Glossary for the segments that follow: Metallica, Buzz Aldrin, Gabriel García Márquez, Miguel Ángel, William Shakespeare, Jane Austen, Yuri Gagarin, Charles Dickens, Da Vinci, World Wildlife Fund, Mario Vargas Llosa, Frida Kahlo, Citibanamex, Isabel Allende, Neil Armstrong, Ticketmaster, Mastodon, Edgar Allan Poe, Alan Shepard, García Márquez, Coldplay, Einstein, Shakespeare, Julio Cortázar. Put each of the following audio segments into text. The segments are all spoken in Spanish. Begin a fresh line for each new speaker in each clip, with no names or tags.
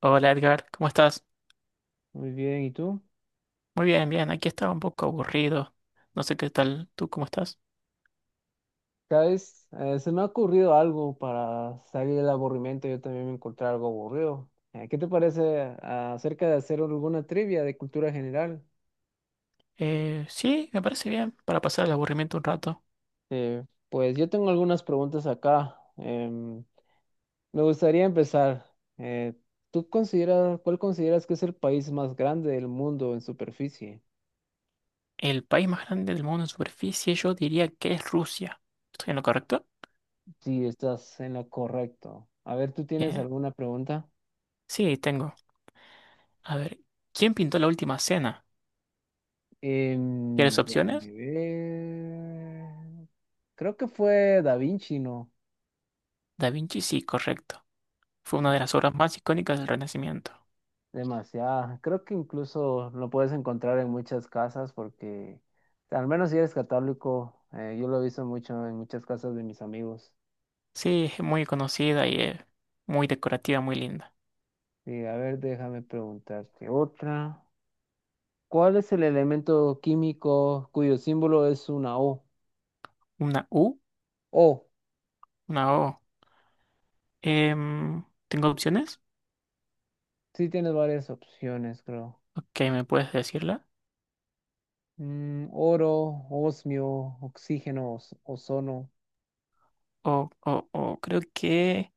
Hola Edgar, ¿cómo estás?
Muy bien, ¿y tú?
Muy bien, bien, aquí estaba un poco aburrido. No sé qué tal, ¿tú cómo estás?
¿Sabes? Se me ha ocurrido algo para salir del aburrimiento. Yo también me encontré algo aburrido. ¿Qué te parece acerca de hacer alguna trivia de cultura general?
Sí, me parece bien, para pasar el aburrimiento un rato.
Pues yo tengo algunas preguntas acá. Me gustaría empezar. Eh, ¿Tú consideras, cuál consideras que es el país más grande del mundo en superficie?
El país más grande del mundo en superficie, yo diría que es Rusia. ¿Estoy en lo correcto?
Sí, estás en lo correcto. A ver, ¿tú tienes
Bien.
alguna pregunta?
Sí, tengo. A ver, ¿quién pintó la última cena? ¿Quieres
Déjame
opciones?
ver. Creo que fue Da Vinci, ¿no?
Da Vinci, sí, correcto. Fue una de las obras más icónicas del Renacimiento.
Demasiado. Creo que incluso lo puedes encontrar en muchas casas porque, al menos si eres católico, yo lo he visto mucho en muchas casas de mis amigos.
Sí, es muy conocida y muy decorativa, muy linda.
Sí, a ver, déjame preguntarte otra. ¿Cuál es el elemento químico cuyo símbolo es una O?
Una U,
O.
una O. ¿Tengo opciones?
Sí, tienes varias opciones, creo.
Ok, ¿me puedes decirla?
Mm, oro, osmio, oxígeno, ozono.
O creo que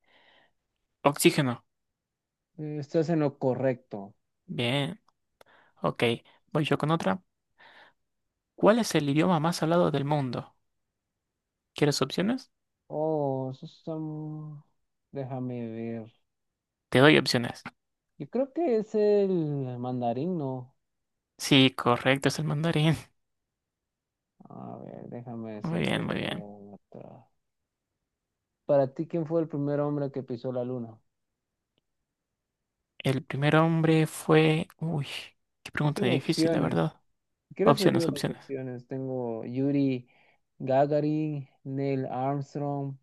oxígeno.
Estás en lo correcto.
Bien. Ok, voy yo con otra. ¿Cuál es el idioma más hablado del mundo? ¿Quieres opciones?
Oh, eso está déjame ver.
Te doy opciones.
Yo creo que es el mandarín, ¿no?
Sí, correcto, es el mandarín.
A ver, déjame
Muy
decirte
bien, muy bien.
otra. Para ti, ¿quién fue el primer hombre que pisó la luna?
El primer hombre fue, uy, qué
Yo
pregunta
tengo
difícil, la
opciones.
verdad.
Si quieres te
Opciones,
digo las
opciones.
opciones. Tengo Yuri Gagarin, Neil Armstrong,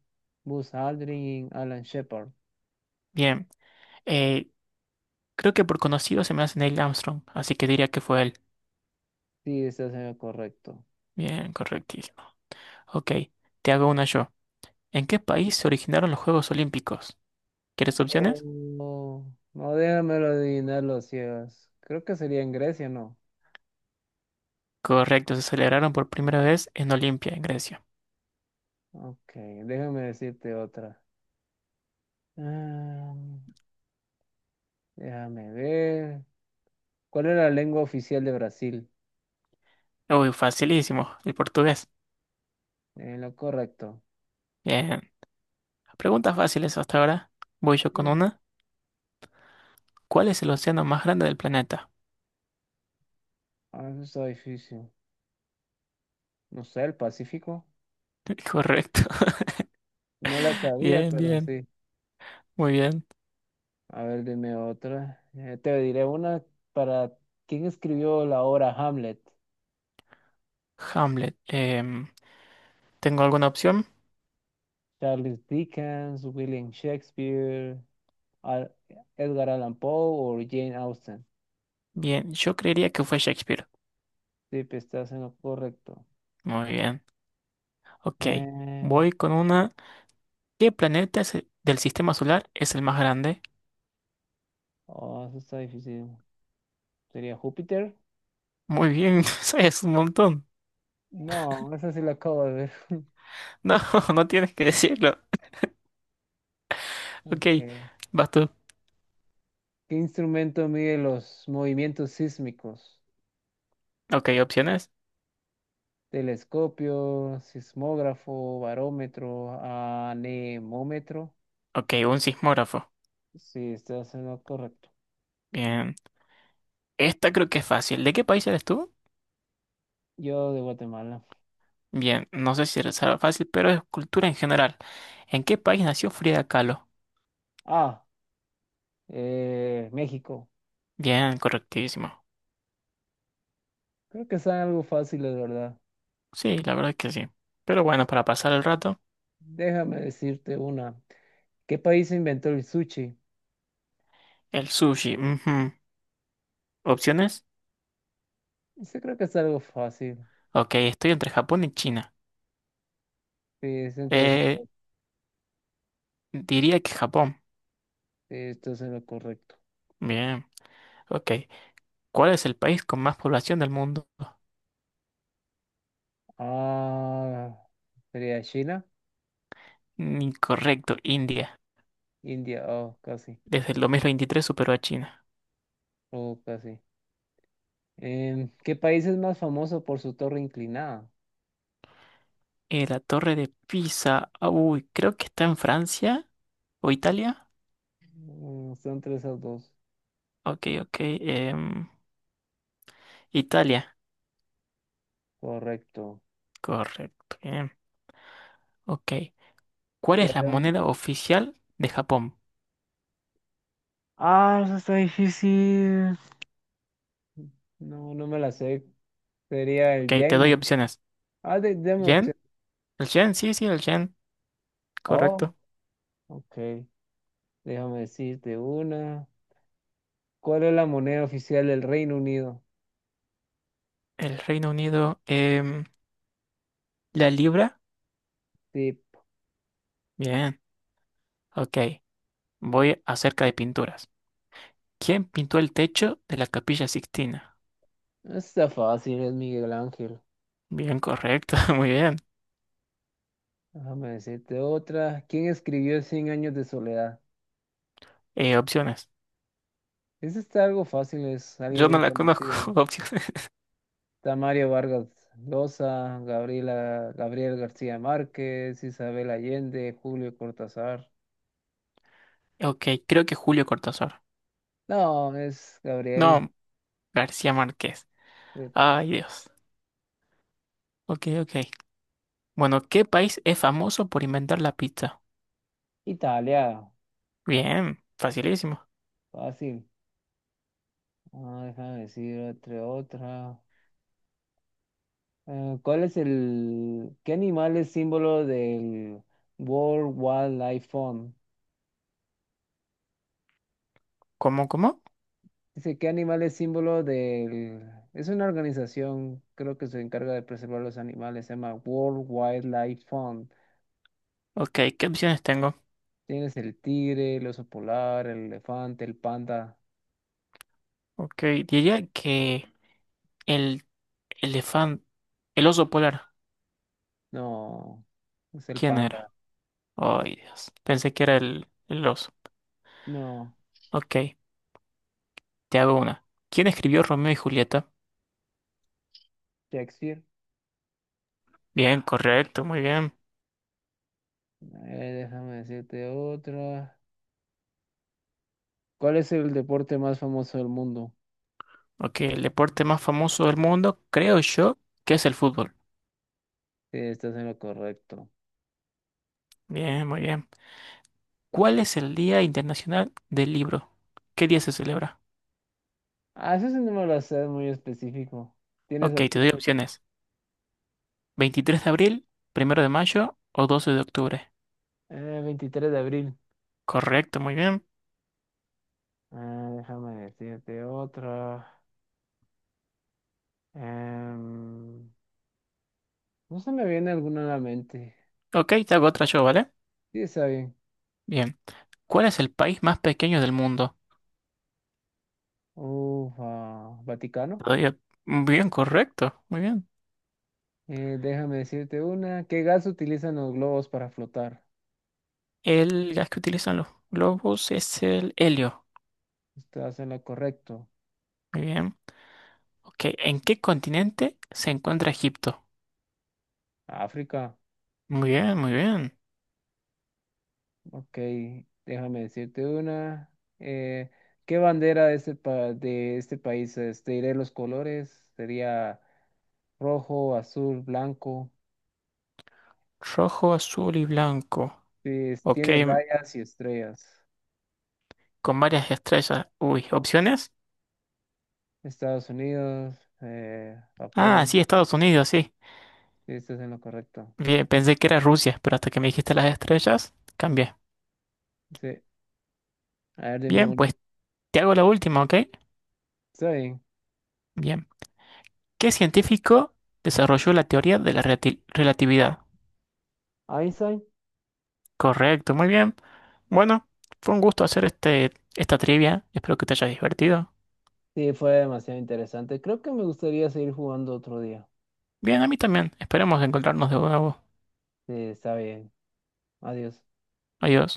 Buzz Aldrin, Alan Shepard.
Bien. eh, Creo que por conocido se me hace Neil Armstrong, así que diría que fue él.
Sí, estás en lo correcto.
Bien, correctísimo. Ok, te hago una yo. ¿En qué país se originaron los Juegos Olímpicos? ¿Quieres opciones?
Oh, no, déjamelo adivinar los ciegos. Creo que sería en Grecia, ¿no?
Correcto, se celebraron por primera vez en Olimpia, en Grecia.
Ok, déjame decirte otra. Ah, déjame ver. ¿Cuál es la lengua oficial de Brasil?
Uy, facilísimo, el portugués.
Lo correcto.
Bien, preguntas fáciles hasta ahora. Voy yo con
Sí.
una. ¿Cuál es el océano más grande del planeta?
Ah, eso está difícil. No sé, el Pacífico.
Correcto.
No la sabía,
Bien,
pero
bien,
sí.
muy bien.
A ver, dime otra. Te diré una para ¿quién escribió la obra Hamlet?
Hamlet. ¿Tengo alguna opción?
Charles Dickens, William Shakespeare, Al Edgar Allan Poe o Jane Austen.
Bien, yo creería que fue Shakespeare.
Sí, pues, estás en lo correcto.
Muy bien. Ok,
Eh,
voy con una. ¿Qué planeta del sistema solar es el más grande?
oh, eso está difícil. ¿Sería Júpiter?
Muy bien, sabes un montón.
No, esa sí la acabo de ver.
No, no tienes que decirlo. Ok,
Ok.
vas tú.
¿Qué instrumento mide los movimientos sísmicos?
Ok, opciones.
Telescopio, sismógrafo, barómetro, anemómetro.
Ok, un sismógrafo.
Sí, estás en lo correcto.
Bien. Esta creo que es fácil. ¿De qué país eres tú?
Yo de Guatemala.
Bien, no sé si será fácil, pero es cultura en general. ¿En qué país nació Frida Kahlo?
Ah, México.
Bien, correctísimo.
Creo que es algo fácil, de verdad.
Sí, la verdad es que sí. Pero bueno, para pasar el rato,
Déjame decirte una. ¿Qué país inventó el sushi?
el sushi. Ujú. ¿Opciones?
Eso creo que es algo fácil.
Ok, estoy entre Japón y China.
Sí, es
Eh,
interesante.
Diría que Japón.
Sí, esto es lo correcto.
Bien, ok. ¿Cuál es el país con más población del mundo?
Ah, sería China,
Incorrecto, India.
India. Oh, casi.
Desde el 2023 superó a China.
Oh, casi. ¿Qué país es más famoso por su torre inclinada?
La Torre de Pisa. Ah, uy, creo que está en Francia o Italia.
Mm, son tres a dos.
Ok, ok. Italia.
Correcto.
Correcto. Bien. Ok. ¿Cuál es la
Teherán.
moneda oficial de Japón?
Ah, eso está difícil. No, no me la sé. Sería el
Ok, te
yen,
doy
¿no?
opciones.
Ah, deme
¿Yen?
opción.
¿El yen? Sí, sí, el yen.
Oh,
Correcto.
ok. Déjame decirte una. ¿Cuál es la moneda oficial del Reino Unido?
El Reino Unido. ¿La libra?
Tip.
Bien. Ok. Voy acerca de pinturas. ¿Quién pintó el techo de la Capilla Sixtina?
Está fácil, es Miguel Ángel.
Bien, correcto. Muy bien.
Déjame decirte otra. ¿Quién escribió Cien años de soledad?
Opciones.
Ese está algo fácil, es alguien
Yo no
bien
la conozco.
conocido.
Opciones.
Está Mario Vargas Llosa, Gabriela, Gabriel García Márquez, Isabel Allende, Julio Cortázar.
Ok, creo que Julio Cortázar.
No, es Gabriel.
No, García Márquez.
De
Ay, Dios. Ok, ok. Bueno, ¿qué país es famoso por inventar la pizza?
Italia,
Bien, facilísimo.
fácil. Ah, déjame decir otra. ¿Cuál es qué animal es símbolo del World Wildlife Fund?
¿Cómo, cómo?
Dice, ¿qué animal es símbolo del, es una organización, creo que se encarga de preservar los animales, se llama World Wildlife Fund.
Ok, ¿qué opciones tengo?
Tienes el tigre, el oso polar, el elefante, el panda.
Ok, diría que el elefante, el oso polar.
No, es el
¿Quién era?
panda.
Ay, Dios. Pensé que era el oso.
No,
Ok, te hago una. ¿Quién escribió Romeo y Julieta?
Shakespeare.
Bien, correcto, muy bien.
Déjame decirte otra. ¿Cuál es el deporte más famoso del mundo?
Ok, el deporte más famoso del mundo, creo yo, que es el fútbol.
Sí, estás en lo correcto.
Bien, muy bien. ¿Cuál es el Día Internacional del Libro? ¿Qué día se celebra?
Ah, eso sí no me lo sé, es muy específico. Tienes
Ok, te doy
opciones.
opciones. 23 de abril, 1 de mayo o 12 de octubre.
23 de abril.
Correcto, muy bien.
Ah, déjame decirte otra. Em, no se me viene alguna a la mente.
Ok, te hago otra yo, ¿vale?
Sí, está bien.
Bien. ¿Cuál es el país más pequeño del mundo?
Ufa,
Te
Vaticano.
doy op- Bien, correcto, muy bien.
Déjame decirte una. ¿Qué gas utilizan los globos para flotar?
El gas que utilizan los globos es el helio.
Estás en lo correcto.
Muy bien. Ok, ¿en qué continente se encuentra Egipto?
África.
Muy bien, muy bien.
Ok, déjame decirte una. Eh, ¿Qué bandera de este, de este país es? Te diré los colores. Sería rojo, azul, blanco.
Rojo, azul y blanco.
Sí, es-
Ok,
tiene rayas y estrellas.
con varias estrellas. Uy, ¿opciones?
Estados Unidos,
Ah, sí,
Japón.
Estados Unidos, sí.
Sí, estás en lo correcto.
Bien, pensé que era Rusia, pero hasta que me dijiste las estrellas, cambié.
Sí, a ver, dime
Bien,
uno.
pues te hago la última, ¿ok?
Está bien.
Bien. ¿Qué científico desarrolló la teoría de la relatividad?
Einstein.
Correcto, muy bien. Bueno, fue un gusto hacer este, esta trivia. Espero que te haya divertido.
Sí, fue demasiado interesante. Creo que me gustaría seguir jugando otro día.
Bien, a mí también. Esperemos encontrarnos de nuevo.
Sí, está bien. Adiós.
Adiós.